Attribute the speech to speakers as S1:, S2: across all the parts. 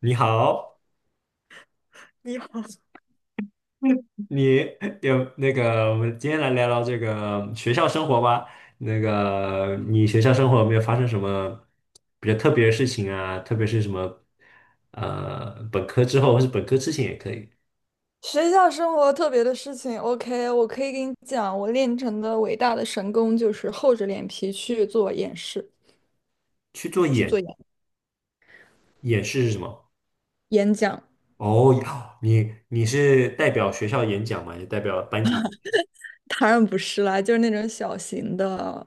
S1: 你好，
S2: 你好，
S1: 你有那个，我们今天来聊聊这个学校生活吧。那个，你学校生活有没有发生什么比较特别的事情啊？特别是什么，本科之后或是本科之前也可以
S2: 学校生活特别的事情，OK，我可以给你讲，我练成的伟大的神功就是厚着脸皮去做演示，
S1: 去做
S2: 去做演
S1: 演示是什么？
S2: 演讲。
S1: 哦，你是代表学校演讲吗？还是代表班级？
S2: 当然不是啦，就是那种小型的，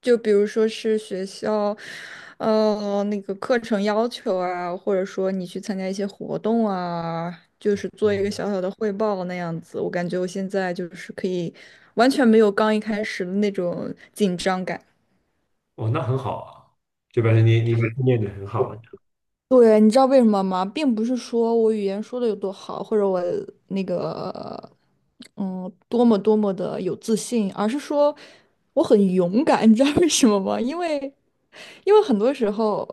S2: 就比如说是学校，那个课程要求啊，或者说你去参加一些活动啊，就是做
S1: 哦，
S2: 一个小小的汇报那样子。我感觉我现在就是可以完全没有刚一开始的那种紧张感。
S1: 哦，那很好啊，就表示你训练的很好了。
S2: 对，你知道为什么吗？并不是说我语言说的有多好，或者我那个，多么多么的有自信，而是说我很勇敢。你知道为什么吗？因为很多时候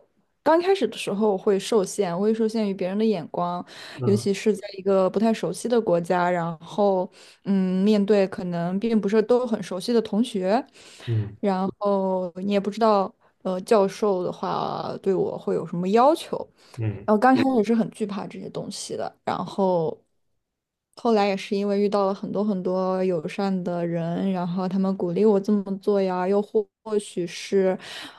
S2: 刚开始的时候我会受限，我会受限于别人的眼光，尤
S1: 嗯
S2: 其是在一个不太熟悉的国家，然后面对可能并不是都很熟悉的同学，
S1: 嗯
S2: 然后你也不知道教授的话对我会有什么要求，
S1: 嗯
S2: 然后刚开始是很惧怕这些东西的，然后后来也是因为遇到了很多很多友善的人，然后他们鼓励我这么做呀，又或许是，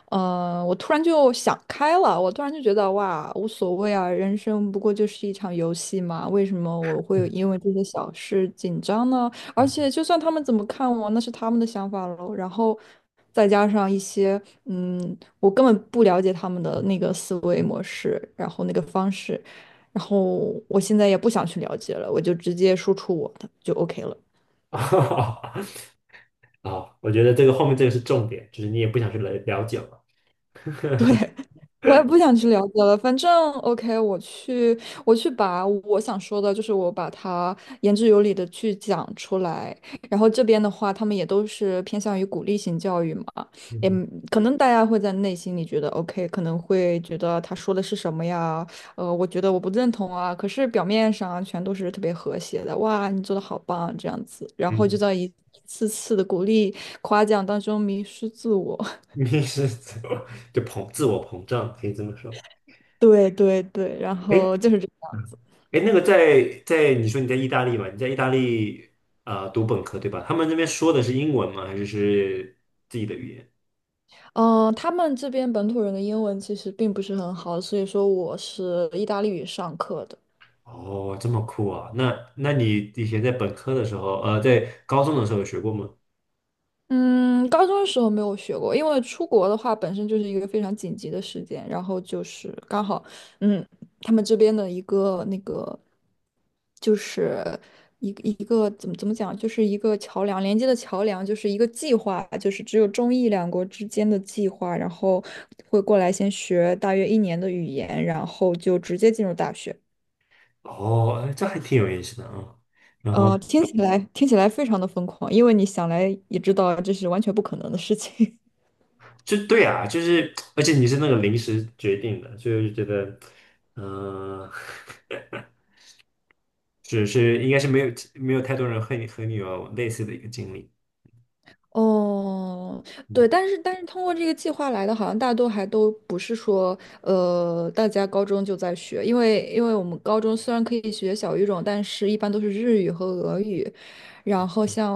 S2: 我突然就想开了，我突然就觉得哇，无所谓啊，人生不过就是一场游戏嘛，为什么我会因为这些小事紧张呢？而
S1: 嗯
S2: 且就算他们怎么看我，那是他们的想法喽。然后再加上一些，我根本不了解他们的那个思维模式，然后那个方式。然后我现在也不想去了解了，我就直接输出我的就 OK 了。
S1: 哈哈啊，我觉得这个后面这个是重点，就是你也不想去了解嘛。
S2: 对，我也不想去了解了。反正 OK，我去，我去把我想说的，就是我把它言之有理的去讲出来。然后这边的话，他们也都是偏向于鼓励型教育嘛，
S1: 嗯
S2: 也
S1: 哼，
S2: 可能大家会在内心里觉得 OK，可能会觉得他说的是什么呀？我觉得我不认同啊。可是表面上全都是特别和谐的，哇，你做的好棒这样子，然后就
S1: 嗯，
S2: 在一次次的鼓励夸奖当中迷失自我。
S1: 你是怎么就自我膨胀，可以这么说。
S2: 对对对，然
S1: 哎，
S2: 后就是这个
S1: 嗯
S2: 样子。
S1: 哎，那个在你说你在意大利嘛？你在意大利读本科对吧？他们那边说的是英文吗？还是是自己的语言？
S2: 嗯、他们这边本土人的英文其实并不是很好，所以说我是意大利语上课的。
S1: 哦，这么酷啊！那那你以前在本科的时候，在高中的时候有学过吗？
S2: 嗯，高中的时候没有学过，因为出国的话本身就是一个非常紧急的时间，然后就是刚好，嗯，他们这边的一个那个，就是一个怎么讲，就是一个桥梁连接的桥梁，就是一个计划，就是只有中意两国之间的计划，然后会过来先学大约一年的语言，然后就直接进入大学。
S1: 哦，哎这还挺有意思的啊。然后。
S2: 听起来非常的疯狂，因为你想来也知道这是完全不可能的事情。
S1: 就对啊，就是，而且你是那个临时决定的，所以我就觉得，嗯、只 是是，应该是没有太多人和你有类似的一个经历。
S2: 哦，
S1: 嗯
S2: 对，但是通过这个计划来的，好像大多还都不是说，大家高中就在学，因为我们高中虽然可以学小语种，但是一般都是日语和俄语，然后像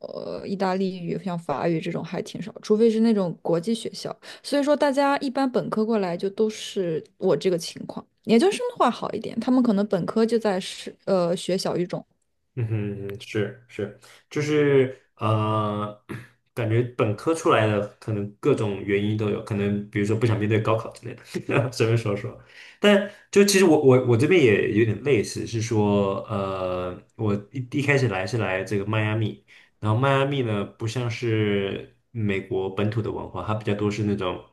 S2: 意大利语、像法语这种还挺少，除非是那种国际学校，所以说大家一般本科过来就都是我这个情况，研究生的话好一点，他们可能本科就在是学小语种。
S1: 嗯哼嗯哼是是，就是感觉本科出来的可能各种原因都有，可能比如说不想面对高考之类的，随便说说。但就其实我这边也有点类似，是说我一开始来是来这个迈阿密，然后迈阿密呢不像是美国本土的文化，它比较多是那种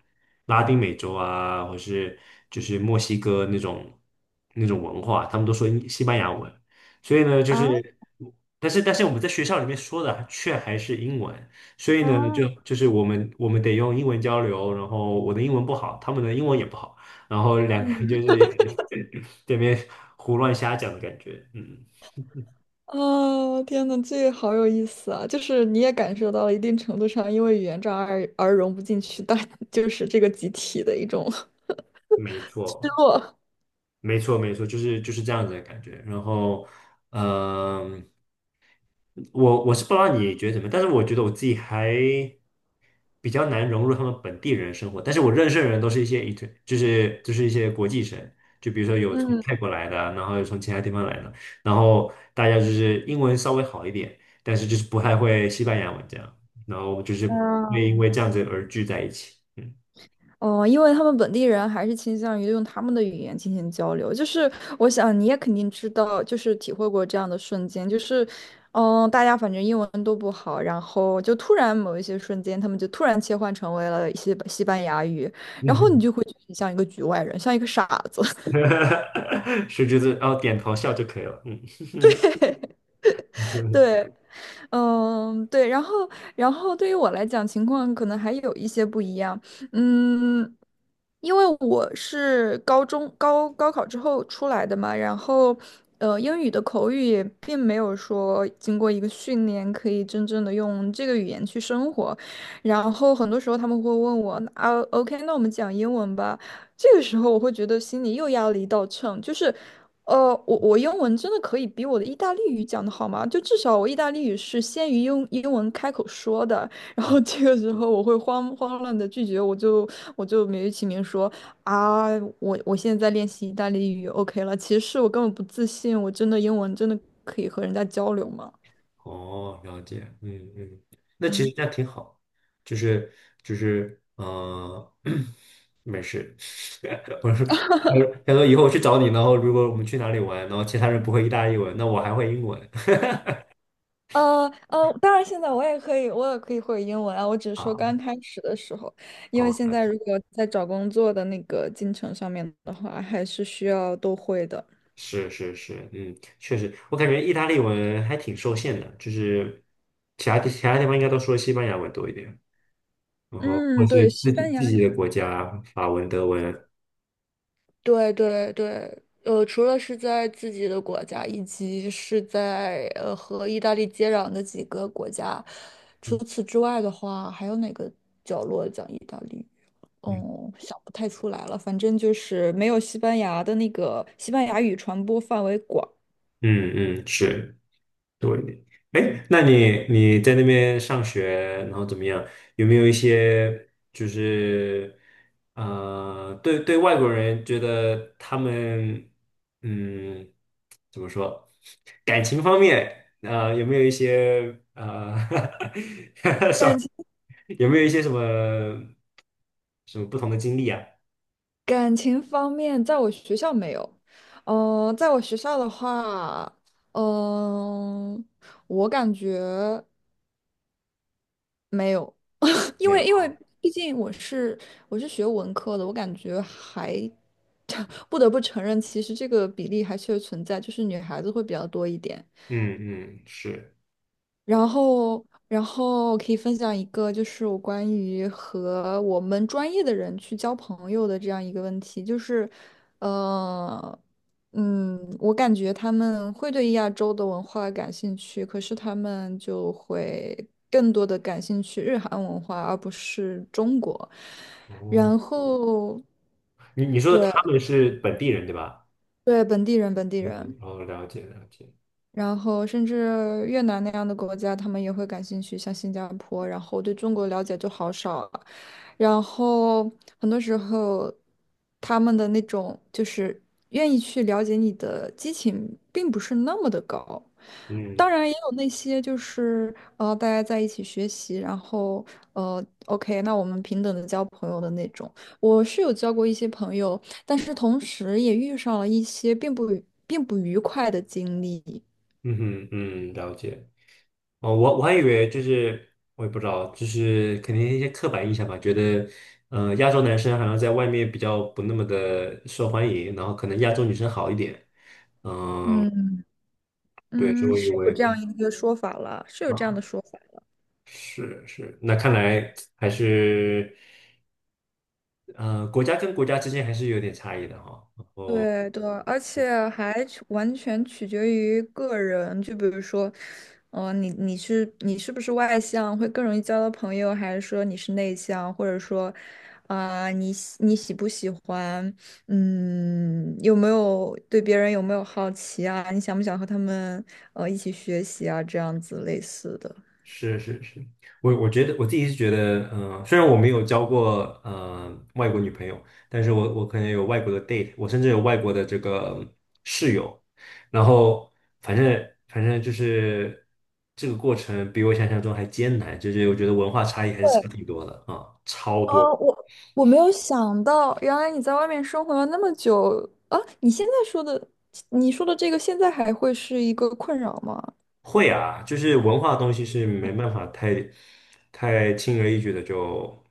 S1: 拉丁美洲啊，或是就是墨西哥那种文化，他们都说西班牙文。所以呢，就
S2: 啊，
S1: 是，但是我们在学校里面说的却还是英文，所以呢，就
S2: 哦，
S1: 就是我们得用英文交流，然后我的英文不好，他们的英文也不好，然后两个人就是 这边胡乱瞎讲的感觉，嗯，
S2: 啊，天呐，这个好有意思啊！就是你也感受到了一定程度上，因为语言障碍而融不进去但 就是这个集体的一种
S1: 没
S2: 失
S1: 错，
S2: 落。
S1: 没错，没错，就是就是这样子的感觉，然后，嗯、我我是不知道你觉得怎么样但是我觉得我自己还。比较难融入他们本地人生活。但是我认识的人都是一些 i n 就是一些国际生，就比如说有从
S2: 嗯
S1: 泰国来的啊，然后有从其他地方来的，然后大家就是英文稍微好一点，但是就是不太会西班牙文这样，然后就是会因
S2: 啊，
S1: 为这样子而聚在一起。嗯
S2: 哦，因为他们本地人还是倾向于用他们的语言进行交流。就是我想你也肯定知道，就是体会过这样的瞬间，就是，大家反正英文都不好，然后就突然某一些瞬间，他们就突然切换成为了一些西班牙语，然后你
S1: 嗯
S2: 就会觉得你像一个局外人，像一个傻子。
S1: 哼，是就是哦，点头笑就可以了。嗯。
S2: 对，嗯，对，然后，然后对于我来讲，情况可能还有一些不一样。嗯，因为我是高中高考之后出来的嘛，然后，英语的口语也并没有说经过一个训练可以真正的用这个语言去生活。然后很多时候他们会问我，啊，OK，那我们讲英文吧。这个时候我会觉得心里又压了一道秤，就是，我英文真的可以比我的意大利语讲的好吗？就至少我意大利语是先于英文开口说的，然后这个时候我会慌慌乱的拒绝，我就美其名说啊，我现在在练习意大利语，OK 了，其实我根本不自信，我真的英文真的可以和人家交流吗？
S1: 哦，了解，嗯嗯，那其实
S2: 嗯。
S1: 这样挺好，就是就是嗯，没事，我说我他说以后我去找你，然后如果我们去哪里玩，然后其他人不会意大利文，那我还会英文
S2: 当然现在我也可以，我也可以会英文啊。我只是说
S1: 啊，
S2: 刚开始的时候，因为
S1: 哦，
S2: 现
S1: 了
S2: 在
S1: 解，
S2: 如果在找工作的那个进程上面的话，还是需要都会的。
S1: 是是是，嗯，确实，我感觉意大利文还挺受限的，就是其他地方应该都说西班牙文多一点，然后或
S2: 嗯，
S1: 是
S2: 对，西班牙
S1: 自己的
S2: 语
S1: 国家法文、德文，
S2: 对对对，除了是在自己的国家，以及是在和意大利接壤的几个国家，除此之外的话，还有哪个角落讲意大利
S1: 嗯
S2: 哦，想不太出来了，反正就是没有西班牙的那个西班牙语传播范围广。
S1: 嗯嗯，是。对，哎，那你你在那边上学，然后怎么样？有没有一些就是对对外国人觉得他们嗯怎么说，感情方面有没有一些
S2: 感情
S1: 有没有一些什么不同的经历啊？
S2: 感情方面，在我学校没有。嗯、在我学校的话，嗯、我感觉没有，因
S1: 没有
S2: 为因
S1: 哈，
S2: 为毕竟我是学文科的，我感觉还 不得不承认，其实这个比例还确实存在，就是女孩子会比较多一点。
S1: 嗯嗯是
S2: 然后，然后我可以分享一个，就是我关于和我们专业的人去交朋友的这样一个问题，就是，呃，我感觉他们会对亚洲的文化感兴趣，可是他们就会更多的感兴趣日韩文化，而不是中国。
S1: 哦，
S2: 然后，
S1: 你说
S2: 对
S1: 他们是本地人对吧？
S2: 对，本地人，本地
S1: 嗯，
S2: 人。
S1: 哦，了解了解，
S2: 然后甚至越南那样的国家，他们也会感兴趣，像新加坡。然后对中国了解就好少了，然后很多时候他们的那种就是愿意去了解你的激情，并不是那么的高。
S1: 嗯。
S2: 当然也有那些就是大家在一起学习，然后OK，那我们平等的交朋友的那种。我是有交过一些朋友，但是同时也遇上了一些并不愉快的经历。
S1: 嗯哼，嗯，了解。哦，我还以为就是，我也不知道，就是肯定一些刻板印象吧，觉得，亚洲男生好像在外面比较不那么的受欢迎，然后可能亚洲女生好一点。
S2: 嗯
S1: 对，所以
S2: 嗯，
S1: 我以
S2: 是有
S1: 为
S2: 这样一个说法了，是有这样
S1: 啊，
S2: 的说法。
S1: 是是，那看来还是，国家跟国家之间还是有点差异的哈、
S2: 对对，而且还取完全取决于个人，就比如说，你是不是外向，会更容易交到朋友，还是说你是内向，或者说，啊、你喜不喜欢，有没有对别人有没有好奇啊？你想不想和他们一起学习啊？这样子类似的。
S1: 是是是，我觉得我自己是觉得，嗯，虽然我没有交过外国女朋友，但是我可能有外国的 date，我甚至有外国的这个室友，然后反正就是这个过程比我想象中还艰难，就是我觉得文化差异还是差挺多的啊，超多。
S2: 哦，我没有想到，原来你在外面生活了那么久啊！你现在说的，你说的这个，现在还会是一个困扰吗
S1: 会啊，就是文化东西是没办法太轻而易举的就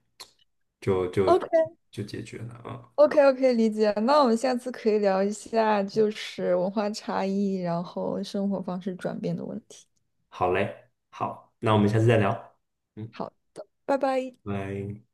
S1: 就就
S2: ？OK
S1: 就解决了啊。
S2: OK OK，理解。那我们下次可以聊一下，就是文化差异，然后生活方式转变的问题。
S1: 好嘞，好，那我们下次再聊，嗯，
S2: 好的，拜拜。
S1: 拜。